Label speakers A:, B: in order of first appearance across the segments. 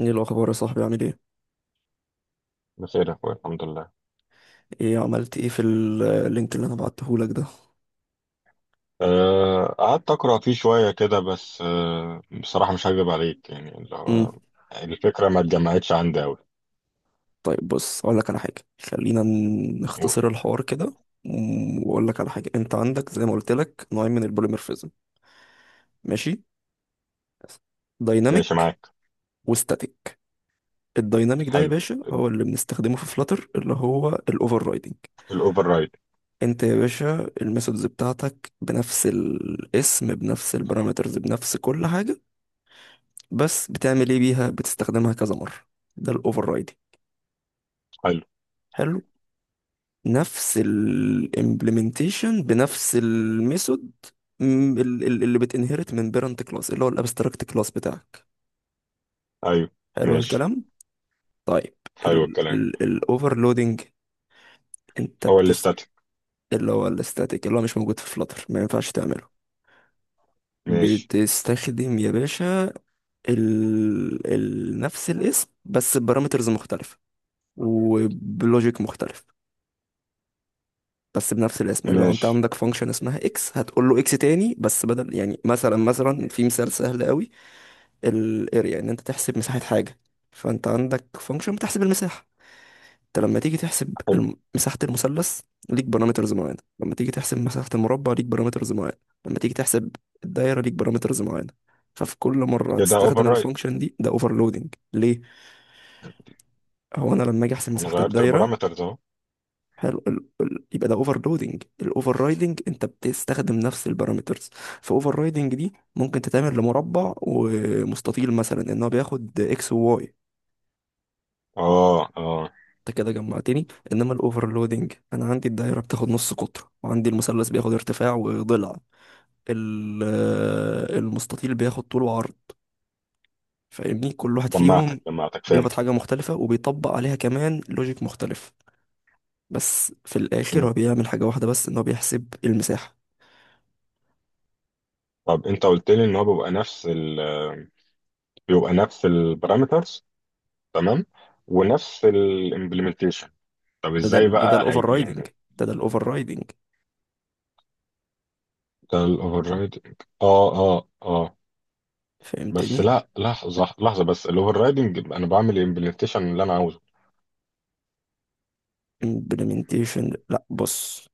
A: ايه الاخبار يا صاحبي؟ عامل ايه؟
B: بخير يا اخويا، الحمد لله.
A: ايه عملت ايه في اللينك اللي انا بعتهولك ده؟
B: قعدت اقرا فيه شويه كده، بس بصراحه مش هكذب عليك، يعني اللي
A: امم.
B: هو الفكره ما اتجمعتش عندي قوي.
A: طيب، بص اقول لك على حاجه، خلينا
B: قول.
A: نختصر الحوار كده. واقول لك على حاجه، انت عندك زي ما قلت لك نوعين من البوليمورفيزم. ماشي.
B: ماشي
A: دايناميك
B: معاك.
A: وستاتيك. الدايناميك ده يا
B: حلو،
A: باشا هو اللي بنستخدمه في فلاتر، اللي هو الاوفر رايدنج.
B: الاوفر رايد.
A: انت يا باشا الميثودز بتاعتك بنفس الاسم، بنفس البارامترز، بنفس كل حاجه، بس بتعمل ايه بيها؟ بتستخدمها كذا مره. ده الاوفر رايدنج.
B: حلو.
A: حلو. نفس الامبلمنتيشن بنفس الميثود، اللي بتنهرت من بيرنت كلاس، اللي هو الابستراكت كلاس بتاعك.
B: ايوه،
A: حلو
B: ماشي.
A: الكلام. طيب،
B: حلو الكلام.
A: الاوفرلودنج، انت
B: هو
A: بتست...
B: الاستاتيك.
A: اللي هو الاستاتيك، اللي هو مش موجود في فلاتر، ما ينفعش تعمله.
B: ماشي،
A: بتستخدم يا باشا نفس الاسم بس ببارامترز مختلفة، وبلوجيك مختلف. بس بنفس الاسم. لو انت
B: ماشي.
A: عندك فانكشن اسمها اكس، هتقول له اكس تاني بس بدل. يعني مثلا في مثال سهل قوي. الاريا، ان انت تحسب مساحة حاجة، فانت عندك فانكشن بتحسب المساحة. انت لما تيجي تحسب
B: حلو،
A: مساحة المثلث ليك بارامترز معينة. لما تيجي تحسب مساحة المربع ليك بارامترز معينة. لما تيجي تحسب الدايرة ليك بارامترز معينة. ففي كل مرة
B: كده
A: هتستخدم
B: اوفر رايد.
A: الفانكشن دي، ده اوفرلودنج ليه. هو انا لما اجي احسب
B: انا
A: مساحة
B: غيرت
A: الدايرة...
B: البارامترز اهو.
A: حلو. يبقى ده اوفر لودنج. الاوفر رايدنج انت بتستخدم نفس البارامترز. فاوفر رايدنج دي ممكن تتعمل لمربع ومستطيل مثلا، ان هو بياخد اكس وواي.
B: اه، اه.
A: انت كده جمعتني. انما الاوفرلودنج، انا عندي الدايره بتاخد نص قطر، وعندي المثلث بياخد ارتفاع وضلع. ال... المستطيل بياخد طول وعرض. فاهمني؟ كل واحد فيهم
B: جمعتك، جمعتك،
A: بياخد
B: فهمت.
A: حاجه مختلفه، وبيطبق عليها كمان لوجيك مختلف، بس في الاخر
B: مم.
A: هو بيعمل حاجه واحده بس، ان هو بيحسب المساحه.
B: طب انت قلت لي ان هو بيبقى نفس البارامترز. تمام. ونفس الامبلمنتيشن. طب
A: ده ده
B: ازاي
A: ده ده
B: بقى
A: الاوفر
B: هي
A: رايدنج،
B: يعني؟
A: ده الاوفر رايدنج.
B: ده الاوفر رايدنج. اه، اه، اه. بس
A: فهمتني؟
B: لا، لحظه، لحظه، بس الاوفر رايدنج انا بعمل الامبلمنتيشن اللي انا عاوزه.
A: امبلمنتيشن؟ لا بص،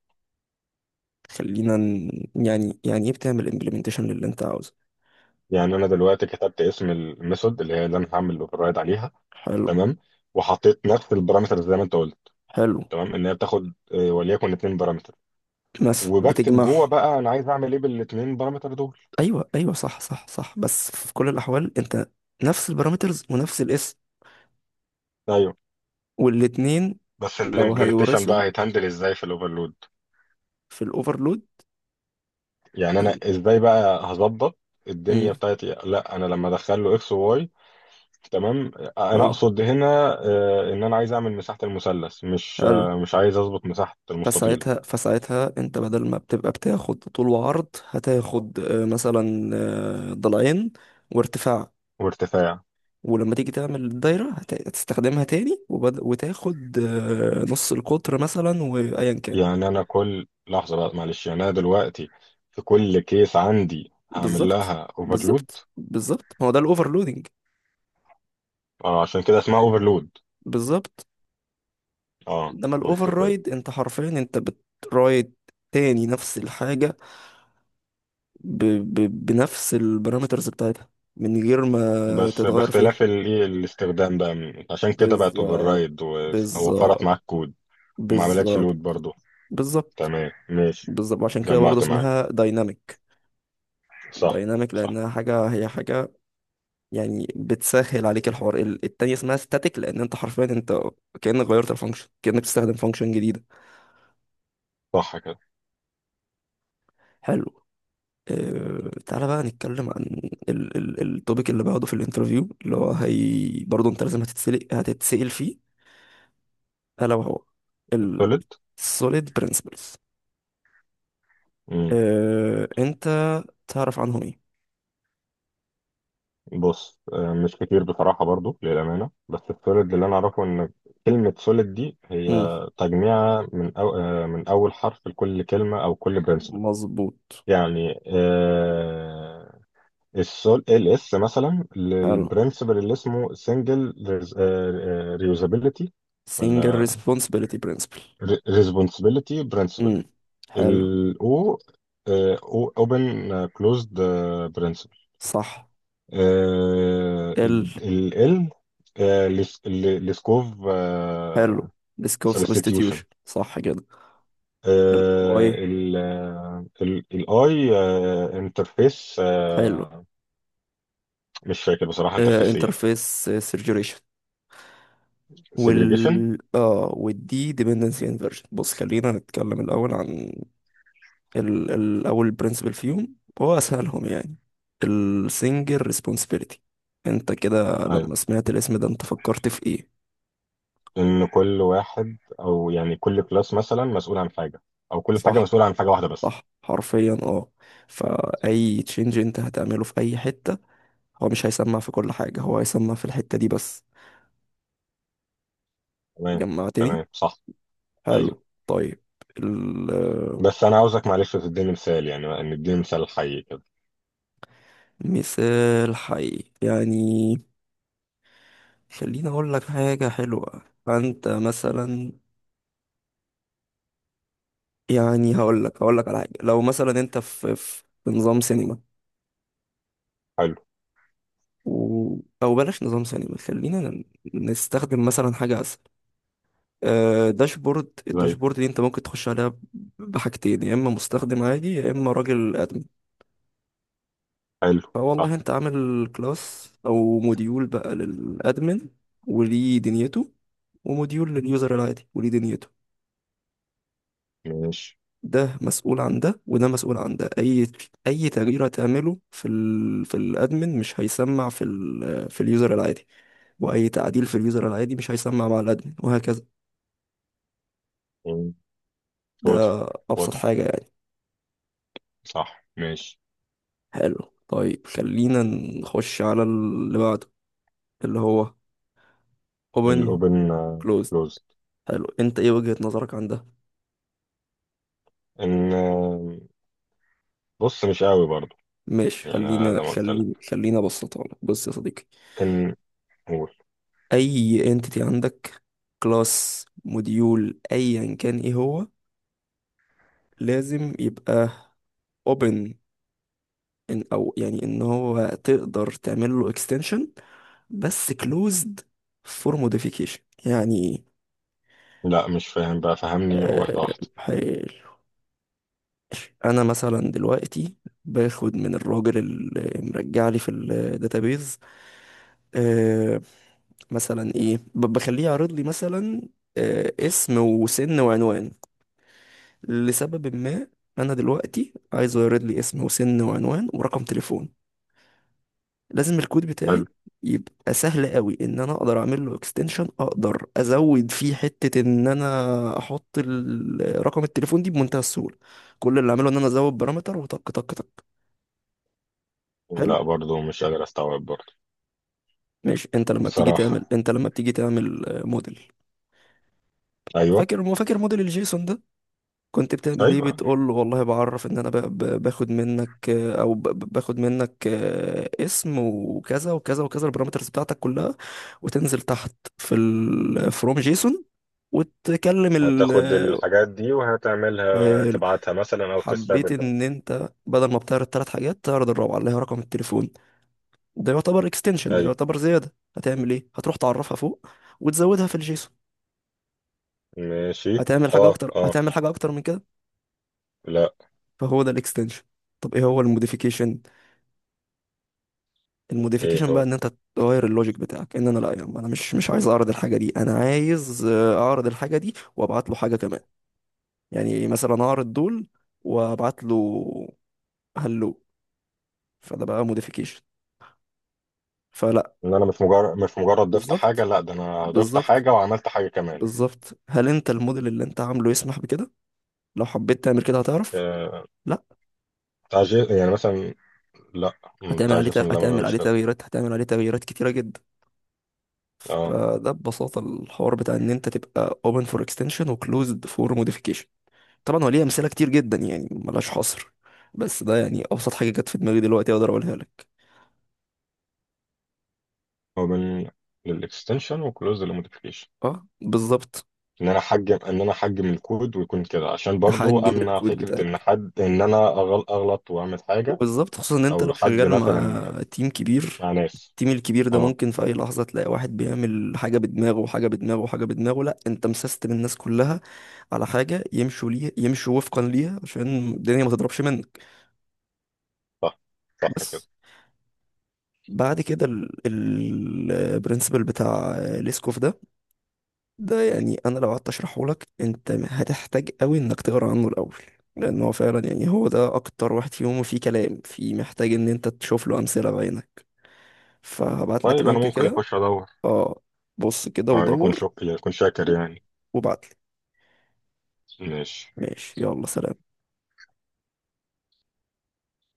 A: خلينا ن- يعني ايه بتعمل امبلمنتيشن للي انت عاوزه؟
B: يعني انا دلوقتي كتبت اسم الميثود اللي انا هعمل الاوفر رايد عليها.
A: حلو.
B: تمام. وحطيت نفس البارامترز زي ما انت قلت.
A: حلو.
B: تمام، ان هي بتاخد وليكن اتنين بارامتر.
A: مثلا
B: وبكتب
A: بتجمعه.
B: جوه بقى، انا عايز اعمل ايه بالاتنين بارامتر دول.
A: ايوه ايوه، صح صح صح. بس في كل الاحوال انت نفس البارامترز ونفس الاسم.
B: ايوه.
A: والاتنين...
B: بس
A: لو
B: الامبلمنتيشن
A: هيورثوا
B: بقى هيتهندل ازاي في الاوفرلود؟
A: في الاوفرلود.
B: يعني انا ازاي بقى هظبط
A: مم،
B: الدنيا بتاعتي؟ لا، انا لما ادخل له اكس وواي. تمام. انا
A: حلو.
B: اقصد هنا، ان انا عايز اعمل مساحه المثلث، مش
A: حلو.
B: آه، مش عايز اظبط مساحه المستطيل.
A: فساعتها انت بدل ما بتبقى بتاخد طول وعرض، هتاخد مثلا ضلعين وارتفاع.
B: وارتفاع.
A: ولما تيجي تعمل الدايرة هتستخدمها تاني، وتاخد نص القطر مثلا، وأيا كان.
B: يعني انا كل لحظه بقى، معلش، يعني انا دلوقتي في كل كيس عندي هعمل
A: بالظبط.
B: لها اوفرلود.
A: بالظبط. بالظبط، ما هو ده الأوفرلودنج.
B: اه، عشان كده اسمها اوفرلود.
A: بالظبط.
B: اه،
A: انما الاوفر
B: منطقي.
A: رايد، انت حرفيا انت بترايد تاني نفس الحاجة ب... بنفس البارامترز بتاعتها، من غير ما
B: بس
A: تتغير فيهم.
B: باختلاف الايه، الاستخدام بقى. عشان كده بقت اوفر
A: بالظبط.
B: رايد، ووفرت
A: بالظبط.
B: معاك كود. وما عملتش لود
A: بالظبط.
B: برضو.
A: بالظبط.
B: تمام، ماشي.
A: بالظبط، عشان كده برضه
B: جمعت
A: اسمها
B: معاك.
A: دايناميك.
B: صح،
A: دايناميك
B: صح،
A: لانها حاجه، هي حاجه يعني بتسهل عليك الحوار. التانية اسمها ستاتيك، لان انت حرفيا انت كانك غيرت الفانكشن، كانك بتستخدم فانكشن جديده.
B: صح كده.
A: حلو. أه، تعالى بقى نتكلم عن ال التوبيك اللي باخده في الانترفيو، اللي هو هي برضه انت لازم هتتسلق هتتسأل فيه، الا وهو
B: السوليد.
A: السوليد برنسبلز.
B: امم.
A: أه، انت تعرف عنهم
B: بص، مش كتير بصراحة، برضو للأمانة، بس السوليد اللي أنا أعرفه إن كلمة سوليد دي هي
A: ايه؟
B: تجميعة من أو آه، من أول حرف لكل كلمة أو كل برنسبل.
A: مظبوط.
B: يعني ال اس مثلا
A: حلو.
B: للبرنسبل اللي اسمه سنجل. ريوزابيلتي،
A: single
B: ولا
A: responsibility principle.
B: ريسبونسبيلتي برنسبل.
A: امم. حلو.
B: O، اوبن كلوزد برنسبل.
A: صح.
B: آه
A: ال
B: ال ال لسكوف
A: حلو.
B: آه،
A: risk of
B: سبستيتيوشن.
A: substitution، صح كده. الاي.
B: I، انترفيس
A: حلو.
B: آه، مش فاكر بصراحة انترفيس ايه.
A: انترفيس سيرجريشن.
B: سيجريجيشن.
A: وال اه والدي dependency inversion. بص خلينا نتكلم الاول عن الاول principle فيهم، هو اسهلهم يعني. السنجل responsibility. انت كده
B: ايوه.
A: لما سمعت الاسم ده انت فكرت في ايه؟
B: ان كل واحد، او يعني كل كلاس مثلا مسؤول عن حاجة. او كل حاجة
A: صح.
B: مسؤولة عن حاجة واحدة بس.
A: صح، حرفيا اه. فأي تشينج انت هتعمله في أي حتة، هو مش هيسمع في كل حاجة، هو هيسمع في الحتة دي بس.
B: تمام.
A: جمعتني؟
B: تمام، صح.
A: حلو،
B: ايوه.
A: طيب.
B: بس انا عاوزك، معلش، تديني مثال، يعني ان اديني مثال حي كده.
A: المثال حي يعني؟ خليني أقول لك حاجة حلوة. فأنت مثلا، يعني هقول لك على حاجة. لو مثلا أنت في نظام سينما،
B: حلو،
A: و... أو بلاش نظام سينما، خلينا نستخدم مثلا حاجة أسهل. داشبورد.
B: زي.
A: الداشبورد دي انت ممكن تخش عليها بحاجتين، يا اما مستخدم عادي يا اما راجل ادمن.
B: حلو،
A: فوالله
B: صح،
A: انت عامل كلاس او موديول بقى للادمن وليه دنيته، وموديول لليوزر العادي وليه دنيته.
B: ماشي.
A: ده مسؤول عن ده، وده مسؤول عن ده. اي تغيير هتعمله في في الادمن مش هيسمع في في اليوزر العادي. واي تعديل في اليوزر العادي مش هيسمع مع الادمن، وهكذا.
B: واضح.
A: ده ابسط
B: واضح،
A: حاجة يعني.
B: صح، ماشي.
A: حلو، طيب، خلينا نخش على اللي بعده، اللي هو open
B: الاوبن
A: closed.
B: كلوزد.
A: حلو. انت ايه وجهة نظرك عن ده؟
B: ان بص، مش قوي برضو.
A: ماشي،
B: يعني أنا زي
A: خلينا
B: ما قلت
A: خلينا
B: لك،
A: خلينا ابسطها لك. بص يا صديقي،
B: ان... قول.
A: اي entity عندك، كلاس موديول ايا كان ايه هو، لازم يبقى open، إن او يعني ان هو تقدر تعمل له extension، بس closed for modification. يعني
B: لا مش فاهم بقى، فهمني واحده واحده.
A: إيه؟ انا مثلا دلوقتي باخد من الراجل اللي مرجع لي في الداتابيز، آه مثلا ايه، بخليه يعرض لي مثلا اسم وسن وعنوان، لسبب ما. انا دلوقتي عايزه يعرض لي اسم وسن وعنوان ورقم تليفون. لازم الكود
B: حلو.
A: بتاعي يبقى سهل قوي، ان انا اقدر اعمل له اكستنشن، اقدر ازود فيه حتة، ان انا احط رقم التليفون دي بمنتهى السهولة. كل اللي اعمله ان انا ازود بارامتر، وطق طق طق. حلو.
B: لا، برضو مش قادر استوعب برضو.
A: ماشي،
B: بصراحه.
A: انت لما بتيجي تعمل موديل.
B: ايوه،
A: فاكر ما فاكر موديل الجيسون ده، كنت بتعمل ايه؟
B: ايوه.
A: بتقول له والله بعرف ان انا باخد منك او باخد منك اسم وكذا وكذا وكذا، البارامترز بتاعتك كلها. وتنزل تحت في فروم جيسون، وتكلم ال
B: هتاخد
A: آه،
B: الحاجات دي وهتعملها،
A: حلو.
B: تبعتها مثلا او
A: حبيت،
B: تستقبل بقى.
A: ان انت بدل ما بتعرض ثلاث حاجات تعرض الرابعه، اللي هي رقم التليفون. ده يعتبر اكستنشن، ده
B: ايوه،
A: يعتبر زياده. هتعمل ايه؟ هتروح تعرفها فوق وتزودها في الجيسون.
B: ماشي.
A: هتعمل حاجه
B: اه،
A: اكتر،
B: اه.
A: هتعمل حاجه اكتر من كده.
B: لا.
A: فهو ده الاكستنشن. طب ايه هو الموديفيكيشن؟
B: ايه
A: الموديفيكيشن بقى،
B: هو؟
A: ان انت تغير اللوجيك بتاعك. ان انا لا، يا عم انا مش عايز اعرض الحاجه دي، انا عايز اعرض الحاجه دي وابعت له حاجه كمان. يعني مثلا اعرض دول وابعت له. هلو. فده بقى موديفيكيشن. فلا...
B: ان انا مش مجرد ضفت حاجه،
A: بالظبط.
B: لا ده انا ضفت
A: بالظبط.
B: حاجه وعملت حاجه كمان.
A: بالظبط، هل انت الموديل اللي انت عامله يسمح بكده؟ لو حبيت تعمل كده هتعرف؟
B: آه،
A: لا.
B: تعجيل يعني مثلا. لا. بتاع جيسون، لا ما بعملش كده.
A: هتعمل عليه تغييرات كتيره جدا.
B: اه.
A: فده ببساطة الحوار بتاع ان انت تبقى open for extension و closed for modification. طبعا هو ليه امثلة كتير جدا، يعني ملهاش حصر، بس ده يعني ابسط حاجة جت في دماغي دلوقتي اقدر اقولها لك.
B: هو من للاكستنشن وكلوز للموديفيكيشن.
A: اه، بالظبط.
B: ان انا احجم الكود ويكون كده، عشان برضو
A: تحجم
B: امنع
A: الكود
B: فكره ان
A: بتاعك،
B: حد ان انا اغلط واعمل حاجه.
A: وبالظبط، خصوصا ان انت
B: او
A: لو
B: حد
A: شغال
B: مثلا
A: مع تيم كبير.
B: مع ناس.
A: التيم الكبير ده
B: اه.
A: ممكن في اي لحظة تلاقي واحد بيعمل حاجة بدماغه، وحاجة بدماغه، وحاجة بدماغه. لا، انت مسستم الناس كلها على حاجة، يمشوا ليه يمشوا وفقا ليها، عشان الدنيا ما تضربش منك.
B: صح. صح كده.
A: بس. بعد كده، البرنسبل بتاع ليسكوف ده، ده يعني انا لو قعدت اشرحه لك انت هتحتاج قوي انك تقرا عنه الاول، لان هو فعلا يعني هو ده اكتر واحد فيهم فيه كلام، فيه محتاج ان انت تشوف له امثله بعينك. فهبعت لك
B: طيب انا
A: لينك
B: ممكن
A: كده.
B: اخش ادور؟
A: اه، بص كده
B: طيب
A: ودور،
B: اكون شاكر يعني.
A: وبعت لي.
B: ماشي.
A: ماشي. يلا سلام.